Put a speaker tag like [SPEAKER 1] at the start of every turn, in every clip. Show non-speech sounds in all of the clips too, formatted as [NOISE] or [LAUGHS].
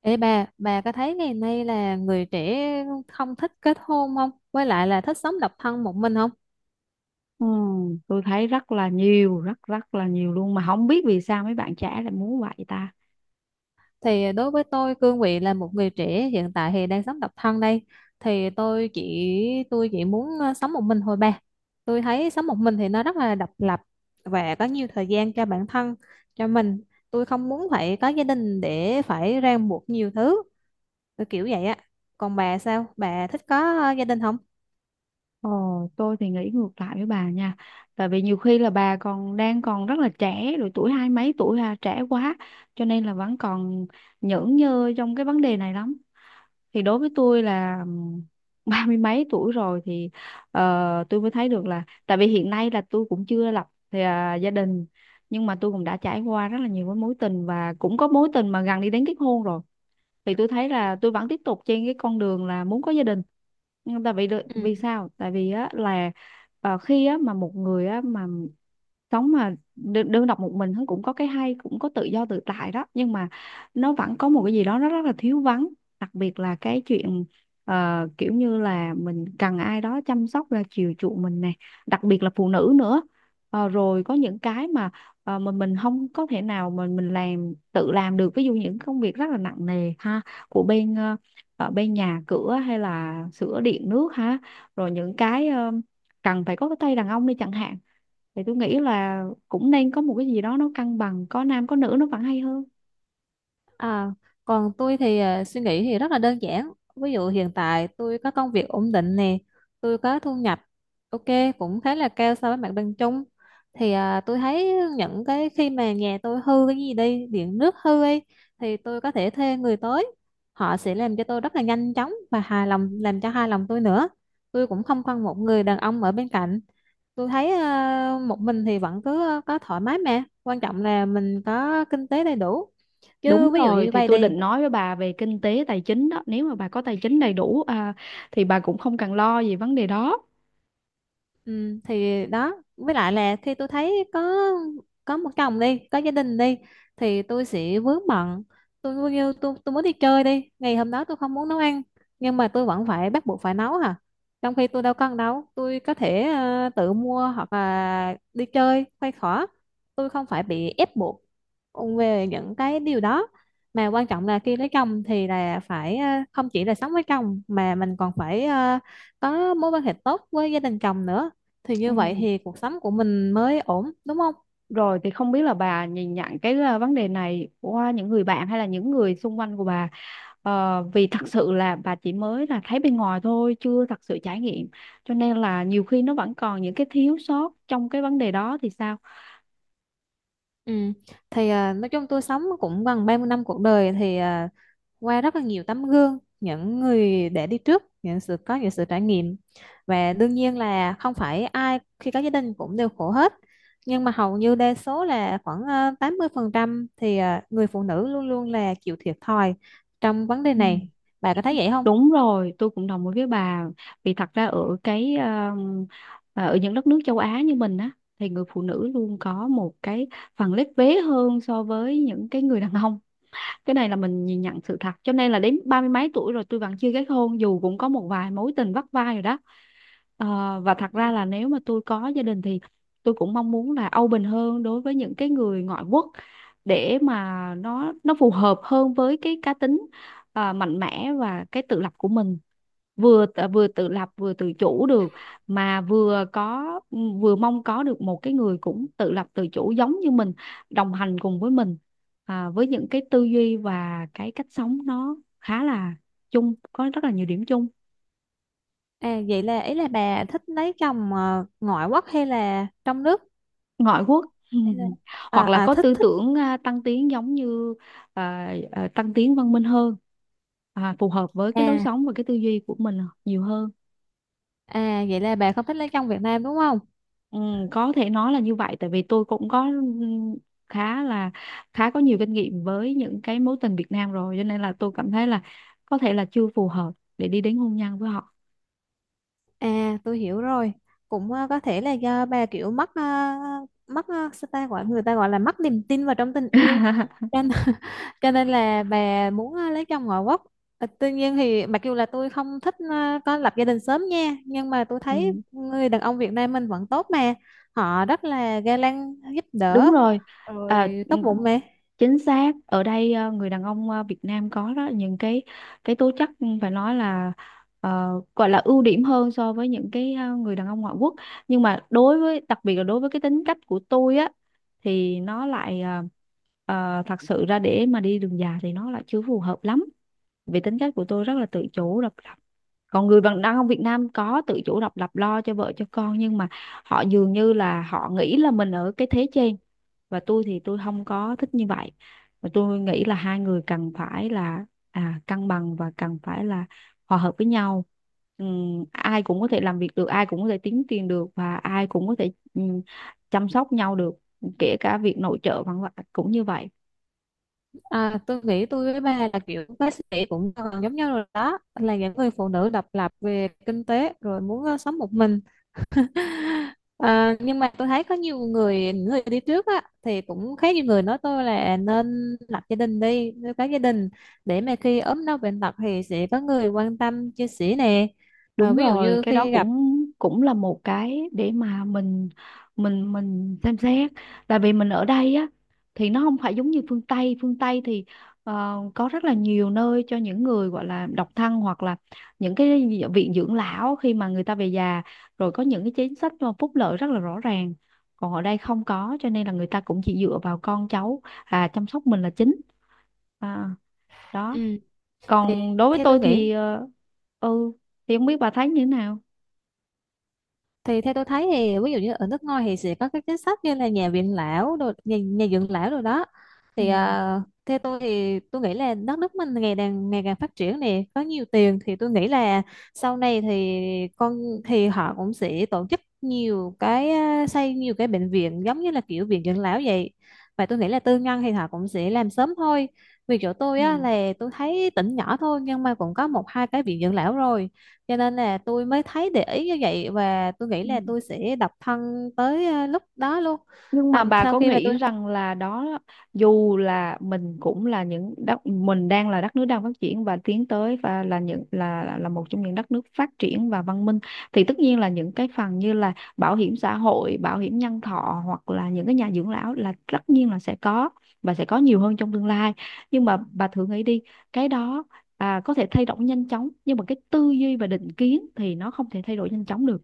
[SPEAKER 1] Ê bà có thấy ngày nay là người trẻ không thích kết hôn không? Với lại là thích sống độc thân một mình không?
[SPEAKER 2] Ừ, tôi thấy rất là nhiều, rất rất là nhiều luôn mà không biết vì sao mấy bạn trẻ lại muốn vậy ta.
[SPEAKER 1] Thì đối với tôi, cương vị là một người trẻ hiện tại thì đang sống độc thân đây. Thì tôi chỉ muốn sống một mình thôi bà. Tôi thấy sống một mình thì nó rất là độc lập và có nhiều thời gian cho bản thân, cho mình. Tôi không muốn phải có gia đình để phải ràng buộc nhiều thứ, kiểu vậy á. Còn bà sao? Bà thích có gia đình không?
[SPEAKER 2] Ờ, tôi thì nghĩ ngược lại với bà nha. Tại vì nhiều khi là bà còn đang còn rất là trẻ, rồi tuổi hai mấy tuổi là trẻ quá, cho nên là vẫn còn nhởn nhơ trong cái vấn đề này lắm. Thì đối với tôi là [LAUGHS] ba mươi mấy tuổi rồi thì tôi mới thấy được là tại vì hiện nay là tôi cũng chưa lập gia đình nhưng mà tôi cũng đã trải qua rất là nhiều cái mối tình và cũng có mối tình mà gần đi đến kết hôn rồi thì tôi thấy là tôi vẫn tiếp tục trên cái con đường là muốn có gia đình nhưng tại vì vì sao tại vì á là khi á mà một người á mà sống mà đơn độc một mình thôi cũng có cái hay cũng có tự do tự tại đó nhưng mà nó vẫn có một cái gì đó nó rất là thiếu vắng, đặc biệt là cái chuyện kiểu như là mình cần ai đó chăm sóc là chiều chuộng mình nè, đặc biệt là phụ nữ nữa. Ờ, rồi có những cái mà mình không có thể nào mà mình tự làm được, ví dụ những công việc rất là nặng nề ha, của bên ờ, ở bên nhà cửa hay là sửa điện nước ha, rồi những cái cần phải có cái tay đàn ông đi chẳng hạn thì tôi nghĩ là cũng nên có một cái gì đó nó cân bằng, có nam có nữ nó vẫn hay hơn.
[SPEAKER 1] À, còn tôi thì suy nghĩ thì rất là đơn giản. Ví dụ hiện tại tôi có công việc ổn định nè, tôi có thu nhập ok, cũng khá là cao so với mặt bằng chung. Thì tôi thấy những cái khi mà nhà tôi hư cái gì đi, điện nước hư ấy, thì tôi có thể thuê người tới. Họ sẽ làm cho tôi rất là nhanh chóng và hài lòng, làm cho hài lòng tôi nữa. Tôi cũng không cần một người đàn ông ở bên cạnh. Tôi thấy một mình thì vẫn cứ có thoải mái, mà quan trọng là mình có kinh tế đầy đủ,
[SPEAKER 2] Đúng
[SPEAKER 1] chứ ví dụ
[SPEAKER 2] rồi,
[SPEAKER 1] như
[SPEAKER 2] thì
[SPEAKER 1] vay
[SPEAKER 2] tôi
[SPEAKER 1] đi.
[SPEAKER 2] định nói với bà về kinh tế tài chính đó, nếu mà bà có tài chính đầy đủ thì bà cũng không cần lo về vấn đề đó.
[SPEAKER 1] Ừ, thì đó, với lại là khi tôi thấy có một chồng đi, có gia đình đi, thì tôi sẽ vướng bận. Tôi coi như tôi muốn đi chơi đi, ngày hôm đó tôi không muốn nấu ăn, nhưng mà tôi vẫn phải bắt buộc phải nấu hả, trong khi tôi đâu cần đâu, tôi có thể tự mua hoặc là đi chơi khoai khỏa, tôi không phải bị ép buộc về những cái điều đó. Mà quan trọng là khi lấy chồng thì là phải không chỉ là sống với chồng mà mình còn phải có mối quan hệ tốt với gia đình chồng nữa, thì
[SPEAKER 2] Ừ.
[SPEAKER 1] như vậy thì cuộc sống của mình mới ổn, đúng không?
[SPEAKER 2] Rồi thì không biết là bà nhìn nhận cái vấn đề này qua những người bạn hay là những người xung quanh của bà. Ờ, vì thật sự là bà chỉ mới là thấy bên ngoài thôi, chưa thật sự trải nghiệm. Cho nên là nhiều khi nó vẫn còn những cái thiếu sót trong cái vấn đề đó thì sao?
[SPEAKER 1] Ừ. Thì nói chung tôi sống cũng gần 30 năm cuộc đời, thì qua rất là nhiều tấm gương những người để đi trước, những sự, có những sự trải nghiệm, và đương nhiên là không phải ai khi có gia đình cũng đều khổ hết, nhưng mà hầu như đa số là khoảng 80% thì người phụ nữ luôn luôn là chịu thiệt thòi trong vấn đề
[SPEAKER 2] Ừ.
[SPEAKER 1] này, bà có thấy vậy không?
[SPEAKER 2] Đúng rồi, tôi cũng đồng ý với bà. Vì thật ra ở những đất nước châu Á như mình á thì người phụ nữ luôn có một cái phần lép vế hơn so với những cái người đàn ông. Cái này là mình nhìn nhận sự thật. Cho nên là đến ba mươi mấy tuổi rồi tôi vẫn chưa kết hôn dù cũng có một vài mối tình vắt vai rồi đó. Ờ, và thật ra là nếu mà tôi có gia đình thì tôi cũng mong muốn là open hơn đối với những cái người ngoại quốc, để mà nó phù hợp hơn với cái cá tính mạnh mẽ và cái tự lập của mình, vừa tự lập vừa tự chủ được, mà vừa có, vừa mong có được một cái người cũng tự lập tự chủ giống như mình, đồng hành cùng với mình với những cái tư duy và cái cách sống nó khá là chung có rất là nhiều điểm chung.
[SPEAKER 1] À, vậy là ý là bà thích lấy chồng ngoại quốc hay là trong nước?
[SPEAKER 2] Ngoại quốc.
[SPEAKER 1] Thế là-
[SPEAKER 2] [LAUGHS] Hoặc là có
[SPEAKER 1] thích
[SPEAKER 2] tư
[SPEAKER 1] thích
[SPEAKER 2] tưởng tăng tiến giống như tăng tiến văn minh hơn, phù hợp với cái lối
[SPEAKER 1] à
[SPEAKER 2] sống và cái tư duy của mình nhiều hơn.
[SPEAKER 1] Vậy là bà không thích lấy chồng Việt Nam đúng không?
[SPEAKER 2] Ừ, có thể nói là như vậy tại vì tôi cũng có khá là khá có nhiều kinh nghiệm với những cái mối tình Việt Nam rồi, cho nên là tôi cảm thấy là có thể là chưa phù hợp để đi đến hôn nhân với họ.
[SPEAKER 1] Tôi hiểu rồi. Cũng có thể là do bà kiểu mất, sao ta gọi, người ta gọi là mất niềm tin vào trong tình yêu,
[SPEAKER 2] [LAUGHS]
[SPEAKER 1] cho nên, [LAUGHS] cho nên là bà muốn lấy chồng ngoại quốc. Tuy nhiên thì mặc dù là tôi không thích có lập gia đình sớm nha, nhưng mà tôi thấy
[SPEAKER 2] Ừ,
[SPEAKER 1] người đàn ông Việt Nam mình vẫn tốt mà, họ rất là ga lăng, giúp
[SPEAKER 2] đúng
[SPEAKER 1] đỡ,
[SPEAKER 2] rồi,
[SPEAKER 1] rồi
[SPEAKER 2] ừ,
[SPEAKER 1] tốt bụng mà.
[SPEAKER 2] chính xác, ở đây người đàn ông Việt Nam có đó, những cái tố chất, phải nói là gọi là ưu điểm hơn so với những cái người đàn ông ngoại quốc, nhưng mà đối với, đặc biệt là đối với cái tính cách của tôi á, thì nó lại thật sự ra để mà đi đường dài thì nó lại chưa phù hợp lắm, vì tính cách của tôi rất là tự chủ độc lập, còn người bạn đàn ông Việt Nam có tự chủ độc lập lo cho vợ cho con nhưng mà họ dường như là họ nghĩ là mình ở cái thế trên, và tôi thì tôi không có thích như vậy. Và tôi nghĩ là hai người cần phải là cân bằng và cần phải là hòa hợp với nhau. Ai cũng có thể làm việc được, ai cũng có thể kiếm tiền được, và ai cũng có thể chăm sóc nhau được, kể cả việc nội trợ vân vân cũng như vậy.
[SPEAKER 1] À, tôi nghĩ tôi với ba là kiểu bác sĩ cũng gần giống nhau rồi, đó là những người phụ nữ độc lập về kinh tế rồi muốn sống một mình. [LAUGHS] Nhưng mà tôi thấy có nhiều người, những người đi trước á, thì cũng khá nhiều người nói tôi là nên lập gia đình đi, nuôi cái gia đình để mà khi ốm đau bệnh tật thì sẽ có người quan tâm chia sẻ nè.
[SPEAKER 2] Đúng
[SPEAKER 1] Ví dụ
[SPEAKER 2] rồi,
[SPEAKER 1] như
[SPEAKER 2] cái đó
[SPEAKER 1] khi gặp.
[SPEAKER 2] cũng cũng là một cái để mà mình xem xét. Tại vì mình ở đây á thì nó không phải giống như phương Tây thì có rất là nhiều nơi cho những người gọi là độc thân, hoặc là những cái viện dưỡng lão khi mà người ta về già, rồi có những cái chính sách mà phúc lợi rất là rõ ràng. Còn ở đây không có, cho nên là người ta cũng chỉ dựa vào con cháu chăm sóc mình là chính. À, đó.
[SPEAKER 1] Ừ. thì
[SPEAKER 2] Còn đối với
[SPEAKER 1] theo tôi
[SPEAKER 2] tôi
[SPEAKER 1] nghĩ
[SPEAKER 2] thì ờ, ừ thì không biết bà thấy như thế nào?
[SPEAKER 1] thì theo tôi thấy thì ví dụ như ở nước ngoài thì sẽ có các chính sách như là nhà viện lão đồ, nhà, nhà dưỡng lão rồi đó.
[SPEAKER 2] Ừ,
[SPEAKER 1] Thì theo tôi thì tôi nghĩ là đất nước mình ngày càng phát triển nè, có nhiều tiền, thì tôi nghĩ là sau này thì con, thì họ cũng sẽ tổ chức nhiều cái, xây nhiều cái bệnh viện giống như là kiểu viện dưỡng lão vậy. Và tôi nghĩ là tư nhân thì họ cũng sẽ làm sớm thôi, vì chỗ tôi
[SPEAKER 2] ừ,
[SPEAKER 1] á là tôi thấy tỉnh nhỏ thôi nhưng mà cũng có 1-2 cái viện dưỡng lão rồi, cho nên là tôi mới thấy, để ý như vậy. Và tôi nghĩ
[SPEAKER 2] ừ.
[SPEAKER 1] là tôi sẽ độc thân tới lúc đó luôn.
[SPEAKER 2] Nhưng mà
[SPEAKER 1] Tầm
[SPEAKER 2] bà
[SPEAKER 1] sau
[SPEAKER 2] có
[SPEAKER 1] khi mà
[SPEAKER 2] nghĩ
[SPEAKER 1] tôi.
[SPEAKER 2] rằng là đó, dù là mình cũng là những đất, mình đang là đất nước đang phát triển và tiến tới, và là những là một trong những đất nước phát triển và văn minh, thì tất nhiên là những cái phần như là bảo hiểm xã hội, bảo hiểm nhân thọ hoặc là những cái nhà dưỡng lão là tất nhiên là sẽ có, và sẽ có nhiều hơn trong tương lai. Nhưng mà bà thử nghĩ đi, cái đó có thể thay đổi nhanh chóng nhưng mà cái tư duy và định kiến thì nó không thể thay đổi nhanh chóng được,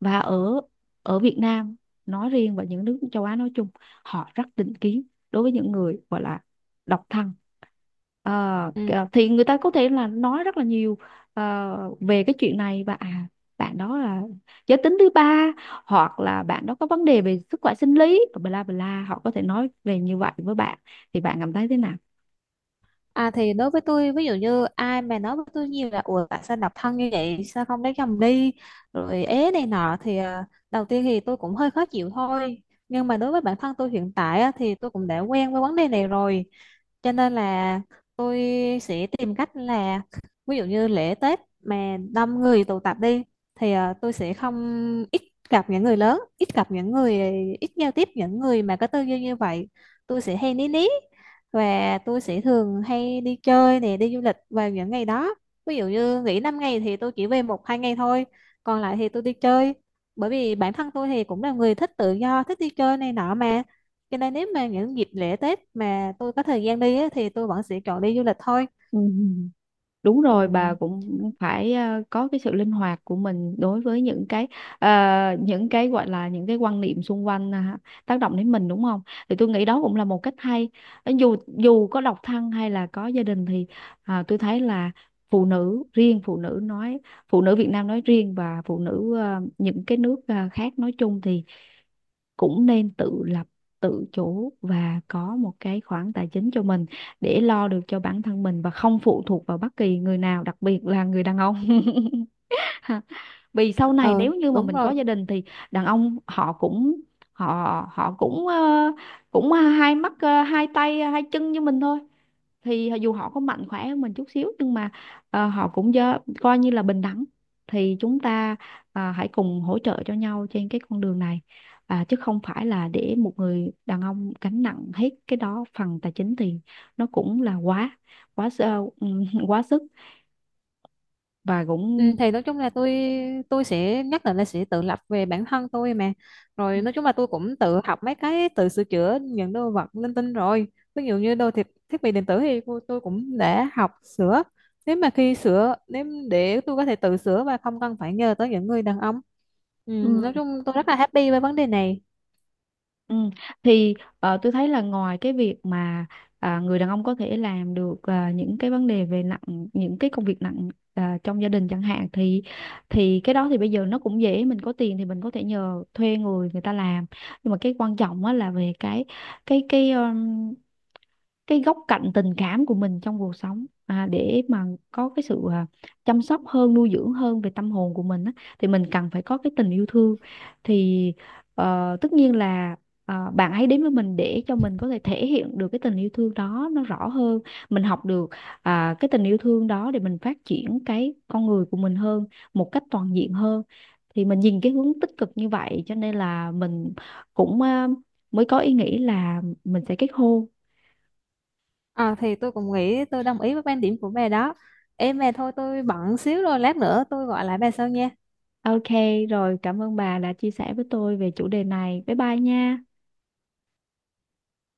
[SPEAKER 2] và ở ở Việt Nam nói riêng và những nước châu Á nói chung, họ rất định kiến đối với những người gọi là độc thân. Ờ,
[SPEAKER 1] Ừ.
[SPEAKER 2] kìa, thì người ta có thể là nói rất là nhiều về cái chuyện này, và bạn đó là giới tính thứ ba hoặc là bạn đó có vấn đề về sức khỏe sinh lý bla bla, họ có thể nói về như vậy với bạn thì bạn cảm thấy thế nào?
[SPEAKER 1] À, thì đối với tôi ví dụ như ai mà nói với tôi nhiều là ủa tại sao độc thân như vậy, sao không lấy chồng đi, rồi ế này nọ, thì đầu tiên thì tôi cũng hơi khó chịu thôi. Nhưng mà đối với bản thân tôi hiện tại á, thì tôi cũng đã quen với vấn đề này rồi, cho nên là tôi sẽ tìm cách là ví dụ như lễ Tết mà đông người tụ tập đi thì tôi sẽ không, ít gặp những người lớn, ít gặp những người, ít giao tiếp những người mà có tư duy như vậy. Tôi sẽ hay ní ní, và tôi sẽ thường hay đi chơi nè, đi du lịch vào những ngày đó. Ví dụ như nghỉ 5 ngày thì tôi chỉ về 1-2 ngày thôi, còn lại thì tôi đi chơi, bởi vì bản thân tôi thì cũng là người thích tự do, thích đi chơi này nọ mà. Cho nên nếu mà những dịp lễ Tết mà tôi có thời gian đi á, thì tôi vẫn sẽ chọn đi du lịch thôi.
[SPEAKER 2] Ừ. Đúng
[SPEAKER 1] Ừ,
[SPEAKER 2] rồi, bà cũng phải có cái sự linh hoạt của mình đối với ờ, những cái gọi là những cái quan niệm xung quanh tác động đến mình đúng không? Thì tôi nghĩ đó cũng là một cách hay. Ờ, Dù dù có độc thân hay là có gia đình thì tôi thấy là phụ nữ riêng phụ nữ nói phụ nữ Việt Nam nói riêng và phụ nữ những cái nước khác nói chung thì cũng nên tự lập, tự chủ và có một cái khoản tài chính cho mình để lo được cho bản thân mình và không phụ thuộc vào bất kỳ người nào, đặc biệt là người đàn ông. [LAUGHS] [LAUGHS] Vì sau này
[SPEAKER 1] ờ,
[SPEAKER 2] nếu như mà
[SPEAKER 1] đúng
[SPEAKER 2] mình có
[SPEAKER 1] rồi.
[SPEAKER 2] gia đình thì đàn ông họ cũng hai mắt, hai tay hai chân như mình thôi, thì dù họ có mạnh khỏe hơn mình chút xíu nhưng mà họ cũng coi như là bình đẳng, thì chúng ta hãy cùng hỗ trợ cho nhau trên cái con đường này, chứ không phải là để một người đàn ông gánh nặng hết cái đó phần tài chính, thì nó cũng là quá quá sơ- [LAUGHS] quá sức và
[SPEAKER 1] Ừ,
[SPEAKER 2] cũng.
[SPEAKER 1] thì nói chung là tôi sẽ nhất định là sẽ tự lập về bản thân tôi mà. Rồi nói chung là tôi cũng tự học mấy cái, tự sửa chữa những đồ vật linh tinh rồi. Ví dụ như đồ thiết thiết bị điện tử thì tôi cũng đã học sửa, nếu mà khi sửa nếu để tôi có thể tự sửa và không cần phải nhờ tới những người đàn ông. Ừ,
[SPEAKER 2] Ừ.
[SPEAKER 1] nói chung tôi rất là happy với vấn đề này.
[SPEAKER 2] Ừ. Thì tôi thấy là ngoài cái việc mà người đàn ông có thể làm được những cái công việc nặng trong gia đình chẳng hạn, thì cái đó thì bây giờ nó cũng dễ, mình có tiền thì mình có thể nhờ thuê người người ta làm, nhưng mà cái quan trọng á là về cái cái cái góc cạnh tình cảm của mình trong cuộc sống, để mà có cái sự chăm sóc hơn, nuôi dưỡng hơn về tâm hồn của mình á, thì mình cần phải có cái tình yêu thương, thì tất nhiên là bạn ấy đến với mình để cho mình có thể thể hiện được cái tình yêu thương đó nó rõ hơn, mình học được cái tình yêu thương đó để mình phát triển cái con người của mình hơn, một cách toàn diện hơn, thì mình nhìn cái hướng tích cực như vậy, cho nên là mình cũng mới có ý nghĩ là mình sẽ kết hôn.
[SPEAKER 1] Thì tôi cũng nghĩ, tôi đồng ý với quan điểm của bà đó. Em mà thôi, tôi bận xíu rồi, lát nữa tôi gọi lại bà sau nha.
[SPEAKER 2] Ok, rồi cảm ơn bà đã chia sẻ với tôi về chủ đề này. Bye bye nha.